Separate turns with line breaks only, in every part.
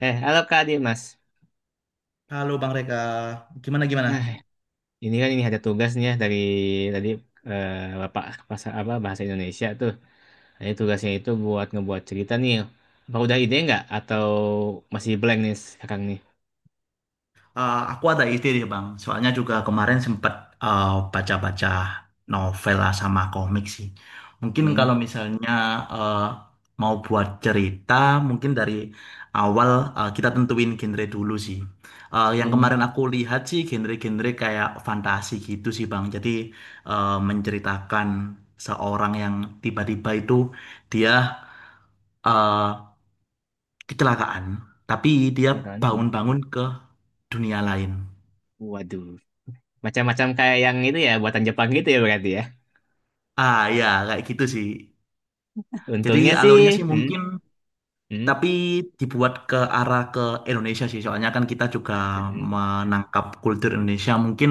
Halo Kak Adi, Mas.
Halo Bang Reka, gimana gimana?
Nah, ini kan ini ada tugasnya dari tadi eh, Bapak bahasa apa bahasa Indonesia tuh. Ini tugasnya itu buat ngebuat cerita nih. Apa udah ide nggak atau masih blank nih sekarang nih?
Aku ada ide nih Bang, soalnya juga kemarin sempat eh, baca-baca novel lah sama komik sih. Mungkin
Hmm.
kalau misalnya eh, mau buat cerita, mungkin dari awal, kita tentuin genre dulu sih. Yang kemarin
Hmm.
aku lihat sih genre-genre kayak fantasi gitu sih Bang. Jadi menceritakan seorang yang tiba-tiba itu dia eh, kecelakaan, tapi dia
Sekarang nih.
bangun-bangun ke dunia lain.
Waduh. Macam-macam kayak yang itu ya buatan Jepang gitu ya berarti ya.
Ah ya, kayak gitu sih. Jadi
Untungnya sih.
alurnya sih
Hmm.
mungkin,
Hmm.
tapi dibuat ke arah ke Indonesia sih. Soalnya kan kita juga
Hmm.
menangkap kultur Indonesia. Mungkin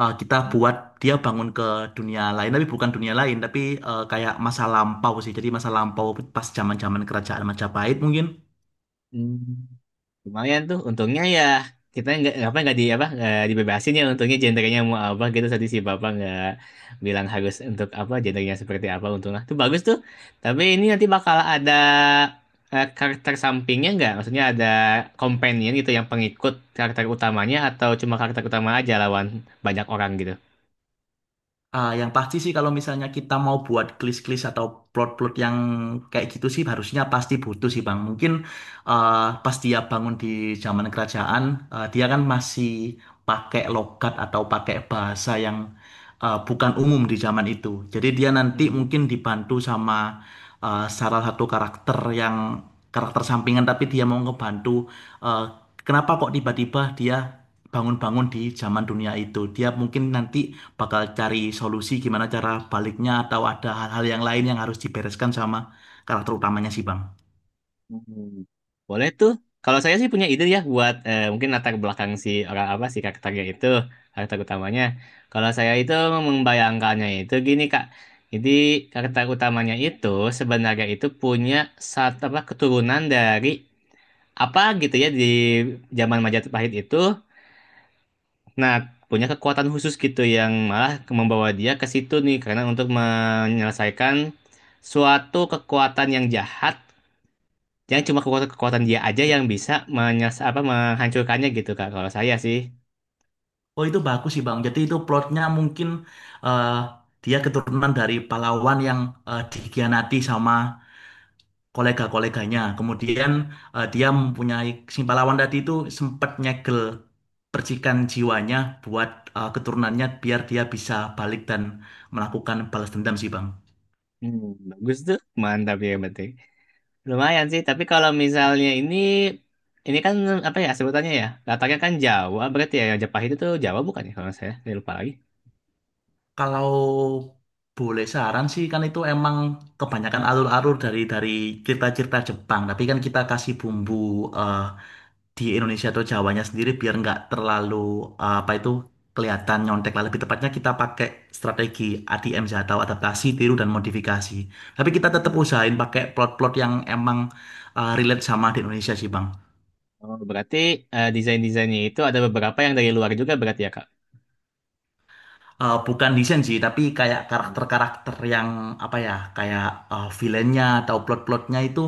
kita buat dia bangun ke dunia lain, tapi bukan dunia lain, tapi kayak masa lampau sih. Jadi masa lampau pas zaman-zaman kerajaan Majapahit mungkin.
Hmm. Lumayan tuh, untungnya ya kita nggak apa nggak di apa nggak dibebasin ya untungnya gendernya mau apa gitu tadi si bapak nggak bilang harus untuk apa gendernya seperti apa untungnya tuh bagus tuh. Tapi ini nanti bakal ada karakter sampingnya nggak, maksudnya ada companion gitu yang pengikut karakter utamanya atau cuma karakter utama aja lawan banyak orang gitu.
Ah, yang pasti sih kalau misalnya kita mau buat klis-klis atau plot-plot yang kayak gitu sih harusnya pasti butuh sih Bang. Mungkin eh pas dia bangun di zaman kerajaan, dia kan masih pakai logat atau pakai bahasa yang bukan umum di zaman itu. Jadi dia nanti mungkin dibantu sama salah satu karakter yang karakter sampingan tapi dia mau ngebantu eh, kenapa kok tiba-tiba dia bangun-bangun di zaman dunia itu. Dia mungkin nanti bakal cari solusi gimana cara baliknya atau ada hal-hal yang lain yang harus dibereskan sama karakter utamanya sih Bang.
Hmm. Boleh tuh. Kalau saya sih punya ide ya buat mungkin latar belakang si orang apa si karakternya itu, karakter utamanya. Kalau saya itu membayangkannya itu gini Kak. Jadi karakter utamanya itu sebenarnya itu punya satu apa keturunan dari apa gitu ya di zaman Majapahit itu. Nah, punya kekuatan khusus gitu yang malah membawa dia ke situ nih karena untuk menyelesaikan suatu kekuatan yang jahat. Jangan cuma kekuatan-kekuatan dia aja yang bisa menyes apa menghancurkannya gitu Kak. Kalau saya sih.
Oh itu bagus sih Bang. Jadi itu plotnya mungkin eh, dia keturunan dari pahlawan yang dikhianati sama kolega-koleganya. Kemudian dia mempunyai si pahlawan tadi itu sempat nyegel percikan jiwanya buat keturunannya biar dia bisa balik dan melakukan balas dendam sih Bang.
Hmm, bagus tuh. Mantap ya yang penting. Lumayan sih, tapi kalau misalnya ini kan apa ya sebutannya ya? Latarnya kan Jawa, berarti ya yang Jepang itu tuh Jawa bukan ya kalau saya? Saya lupa lagi.
Kalau boleh saran sih kan itu emang kebanyakan alur-alur dari cerita-cerita Jepang. Tapi kan kita kasih bumbu eh, di Indonesia atau Jawanya sendiri biar nggak terlalu apa itu kelihatan nyontek lah. Lebih tepatnya kita pakai strategi ADM sih, atau adaptasi, tiru dan modifikasi. Tapi kita tetap
Hmm.
usahain pakai plot-plot yang emang relate sama di Indonesia sih Bang.
Oh, berarti desain-desainnya itu ada beberapa yang dari luar juga berarti ya Kak.
Bukan desain sih, tapi kayak
Oh.
karakter-karakter yang apa ya, kayak villainnya atau plot-plotnya itu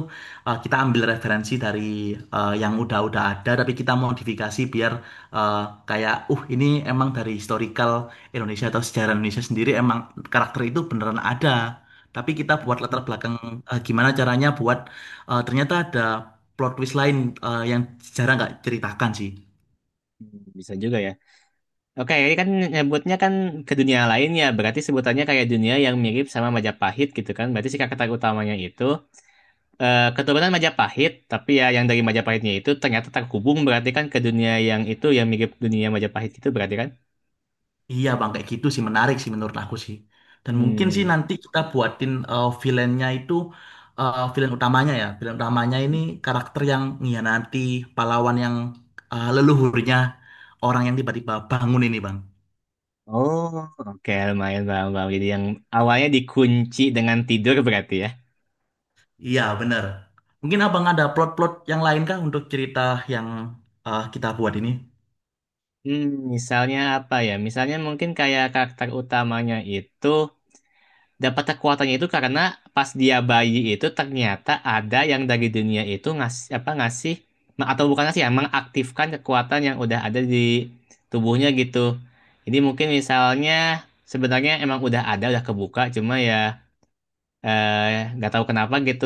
kita ambil referensi dari yang udah-udah ada, tapi kita modifikasi biar eh, kayak, ini emang dari historical Indonesia atau sejarah Indonesia sendiri emang karakter itu beneran ada. Tapi kita buat
Hmm.
latar belakang gimana caranya buat ternyata ada plot twist lain yang jarang nggak ceritakan sih.
Bisa juga ya. Oke, ini kan nyebutnya kan ke dunia lain ya. Berarti sebutannya kayak dunia yang mirip sama Majapahit gitu kan. Berarti si karakter utamanya itu keturunan Majapahit, tapi ya yang dari Majapahitnya itu ternyata terhubung berarti kan ke dunia yang itu yang mirip dunia Majapahit itu berarti kan?
Iya bang, kayak gitu sih menarik sih menurut aku sih. Dan mungkin sih
Hmm.
nanti kita buatin villainnya itu villain utamanya ya. Villain utamanya ini karakter yang nanti pahlawan yang leluhurnya orang yang tiba-tiba bangun ini bang.
Oh, oke lumayan paham, paham. Jadi yang awalnya dikunci dengan tidur berarti ya.
Iya bener. Mungkin abang ada plot-plot yang lain kah untuk cerita yang kita buat ini?
Hmm, misalnya apa ya? Misalnya mungkin kayak karakter utamanya itu dapat kekuatannya itu karena pas dia bayi itu ternyata ada yang dari dunia itu ngasih apa ngasih atau bukan ngasih ya mengaktifkan kekuatan yang udah ada di tubuhnya gitu. Jadi mungkin misalnya sebenarnya emang udah ada udah kebuka cuma ya nggak tahu kenapa gitu.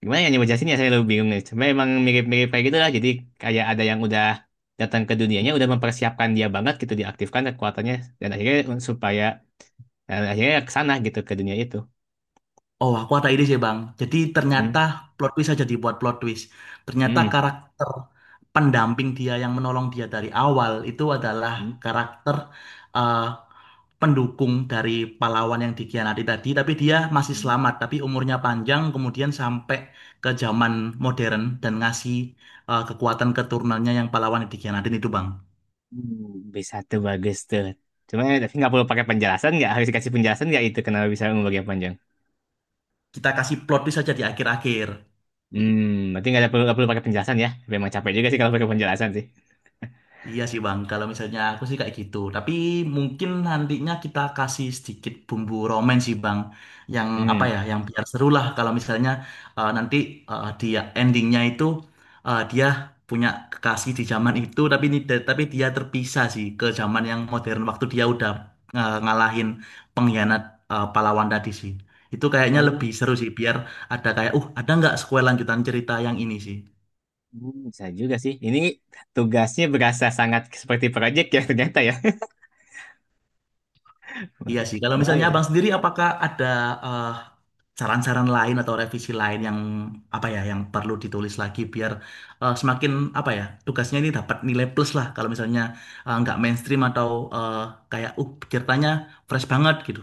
Gimana ya jelasin ya saya lebih bingung nih. Cuma emang mirip-mirip kayak gitu lah. Jadi kayak ada yang udah datang ke dunianya udah mempersiapkan dia banget gitu diaktifkan kekuatannya dan akhirnya supaya dan akhirnya ke sana gitu ke dunia itu.
Oh, aku ada ide sih, Bang. Jadi
Hmm.
ternyata plot twist aja dibuat plot twist. Ternyata
Hmm.
karakter pendamping dia yang menolong dia dari awal itu adalah
Hmm.
karakter eh, pendukung dari pahlawan yang dikhianati tadi, tapi dia masih
Hmm.
selamat, tapi umurnya panjang, kemudian sampai ke zaman modern dan ngasih kekuatan keturunannya yang pahlawan yang dikhianatin itu, Bang.
Hmm. Bisa tuh bagus tuh. Cuma tapi nggak perlu pakai penjelasan nggak? Harus dikasih penjelasan nggak itu kenapa bisa ungu bagian panjang?
Kita kasih plot twist aja di akhir-akhir.
Hmm. Berarti nggak perlu pakai penjelasan ya? Memang capek juga sih kalau pakai penjelasan sih.
Iya sih Bang, kalau misalnya aku sih kayak gitu. Tapi mungkin nantinya kita kasih sedikit bumbu romen sih Bang. Yang apa
Hmm.
ya, yang biar seru lah kalau misalnya eh, nanti dia endingnya itu, dia punya kekasih di zaman itu tapi ini tapi dia terpisah sih ke zaman yang modern waktu dia udah ngalahin pengkhianat pahlawan tadi sih. Itu kayaknya lebih
Oh,
seru sih biar ada kayak ada nggak sequel lanjutan cerita yang ini sih.
hmm, bisa juga sih. Ini tugasnya berasa sangat seperti proyek ya ternyata ya.
Iya sih, kalau misalnya
Bahaya.
abang sendiri apakah ada eh, saran-saran lain atau revisi lain yang apa ya yang perlu ditulis lagi biar semakin apa ya tugasnya ini dapat nilai plus lah kalau misalnya nggak mainstream atau eh, kayak ceritanya fresh banget gitu.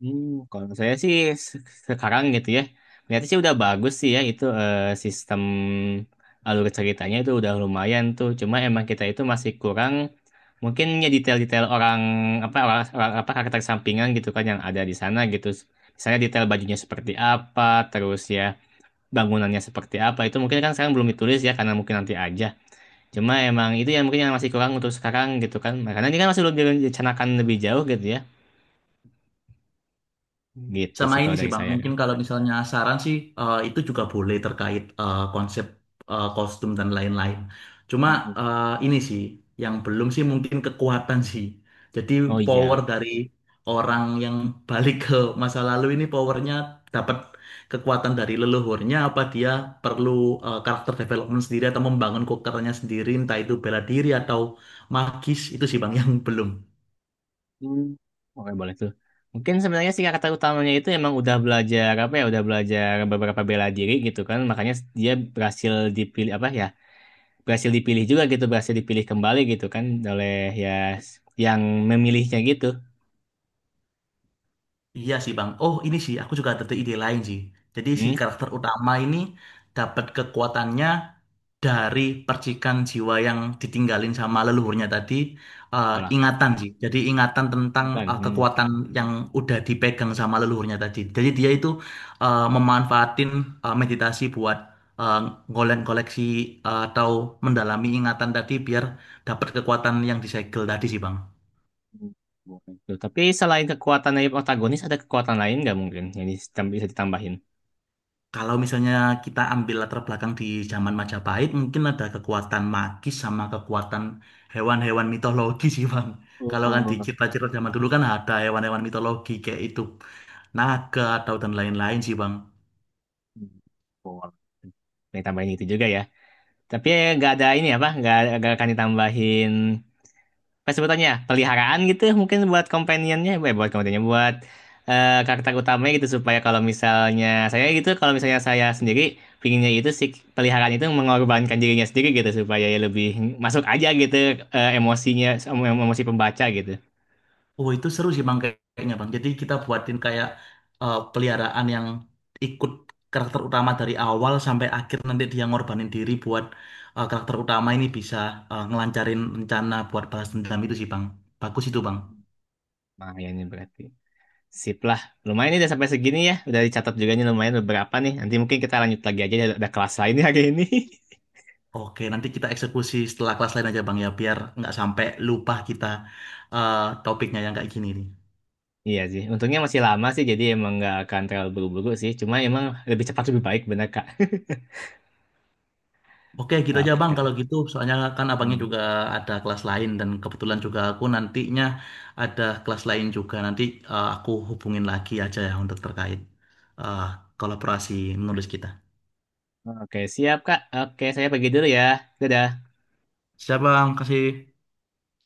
Hmm, kalau saya sih se- sekarang gitu ya, berarti sih udah bagus sih ya itu sistem alur ceritanya itu udah lumayan tuh. Cuma emang kita itu masih kurang mungkin ya detail-detail orang apa orang, orang- apa karakter sampingan gitu kan yang ada di sana gitu. Misalnya detail bajunya seperti apa, terus ya bangunannya seperti apa itu mungkin kan sekarang belum ditulis ya karena mungkin nanti aja. Cuma emang itu yang mungkin yang masih kurang untuk sekarang gitu kan. Karena ini kan masih belum direncanakan lebih jauh gitu ya. Gitu
Sama
sih
ini
kalau
sih
dari
Bang,
saya
mungkin kalau misalnya saran sih itu juga boleh terkait konsep kostum dan lain-lain. Cuma
kan.
ini sih yang belum sih mungkin kekuatan sih. Jadi
Oh iya.
power dari orang yang balik ke masa lalu ini powernya dapat kekuatan dari leluhurnya apa dia perlu karakter development sendiri atau membangun kokernya sendiri entah itu bela diri atau magis itu sih Bang yang belum.
Hmm. Oke, boleh tuh. Mungkin sebenarnya sih kata utamanya itu emang udah belajar apa ya, udah belajar beberapa bela diri gitu kan. Makanya dia berhasil dipilih apa ya? Berhasil dipilih juga gitu, berhasil dipilih kembali gitu kan oleh ya s- yang memilihnya gitu.
Iya sih Bang. Oh ini sih aku juga ada ide lain sih. Jadi si
Hmm.
karakter utama ini dapat kekuatannya dari percikan jiwa yang ditinggalin sama leluhurnya tadi,
Walah,
ingatan sih. Jadi ingatan tentang
ya kan. Hmm.
kekuatan yang udah dipegang sama leluhurnya tadi. Jadi dia itu memanfaatin meditasi buat eh, golek-koleksi atau mendalami ingatan tadi biar dapat kekuatan yang disegel tadi sih Bang.
Hmm. Boleh tuh. Tapi selain kekuatan dari protagonis ada kekuatan lain nggak mungkin yang bisa ditambahin?
Kalau misalnya kita ambil latar belakang di zaman Majapahit, mungkin ada kekuatan magis sama kekuatan hewan-hewan mitologi sih, Bang. Kalau kan di
Oh,
cerita-cerita zaman dulu kan ada hewan-hewan mitologi kayak itu, naga atau dan lain-lain sih, Bang.
hmm. Boleh. Ditambahin itu juga ya. Tapi nggak ada ini apa? Nggak akan ditambahin apa sebutannya ya? Peliharaan gitu mungkin buat companionnya buat karakter utamanya gitu supaya kalau misalnya saya gitu kalau misalnya saya sendiri pinginnya itu si peliharaan itu mengorbankan dirinya sendiri gitu supaya ya lebih masuk aja gitu emosi pembaca gitu.
Oh, itu seru sih, Bang, kayaknya, Bang. Jadi kita buatin kayak peliharaan yang ikut karakter utama dari awal sampai akhir nanti dia ngorbanin diri buat karakter utama ini bisa ngelancarin rencana buat balas dendam itu sih, Bang. Bagus itu, Bang.
Lumayan nih berarti sip lah lumayan nih udah sampai segini ya udah dicatat juga nih lumayan beberapa nih nanti mungkin kita lanjut lagi aja ada kelas lain nih hari ini
Oke, nanti kita eksekusi setelah kelas lain aja Bang ya, biar nggak sampai lupa kita topiknya yang kayak gini nih.
Iya sih, untungnya masih lama sih, jadi emang nggak akan terlalu buru-buru sih. Cuma emang lebih cepat lebih baik, bener Kak.
Oke, gitu aja
Oke,
Bang kalau
Kak.
gitu. Soalnya kan abangnya
Hmm.
juga ada kelas lain dan kebetulan juga aku nantinya ada kelas lain juga. Nanti aku hubungin lagi aja ya untuk terkait eh, kolaborasi menulis kita.
Oke, siap, Kak. Oke, saya pergi dulu ya. Dadah.
Siap Bang, kasih.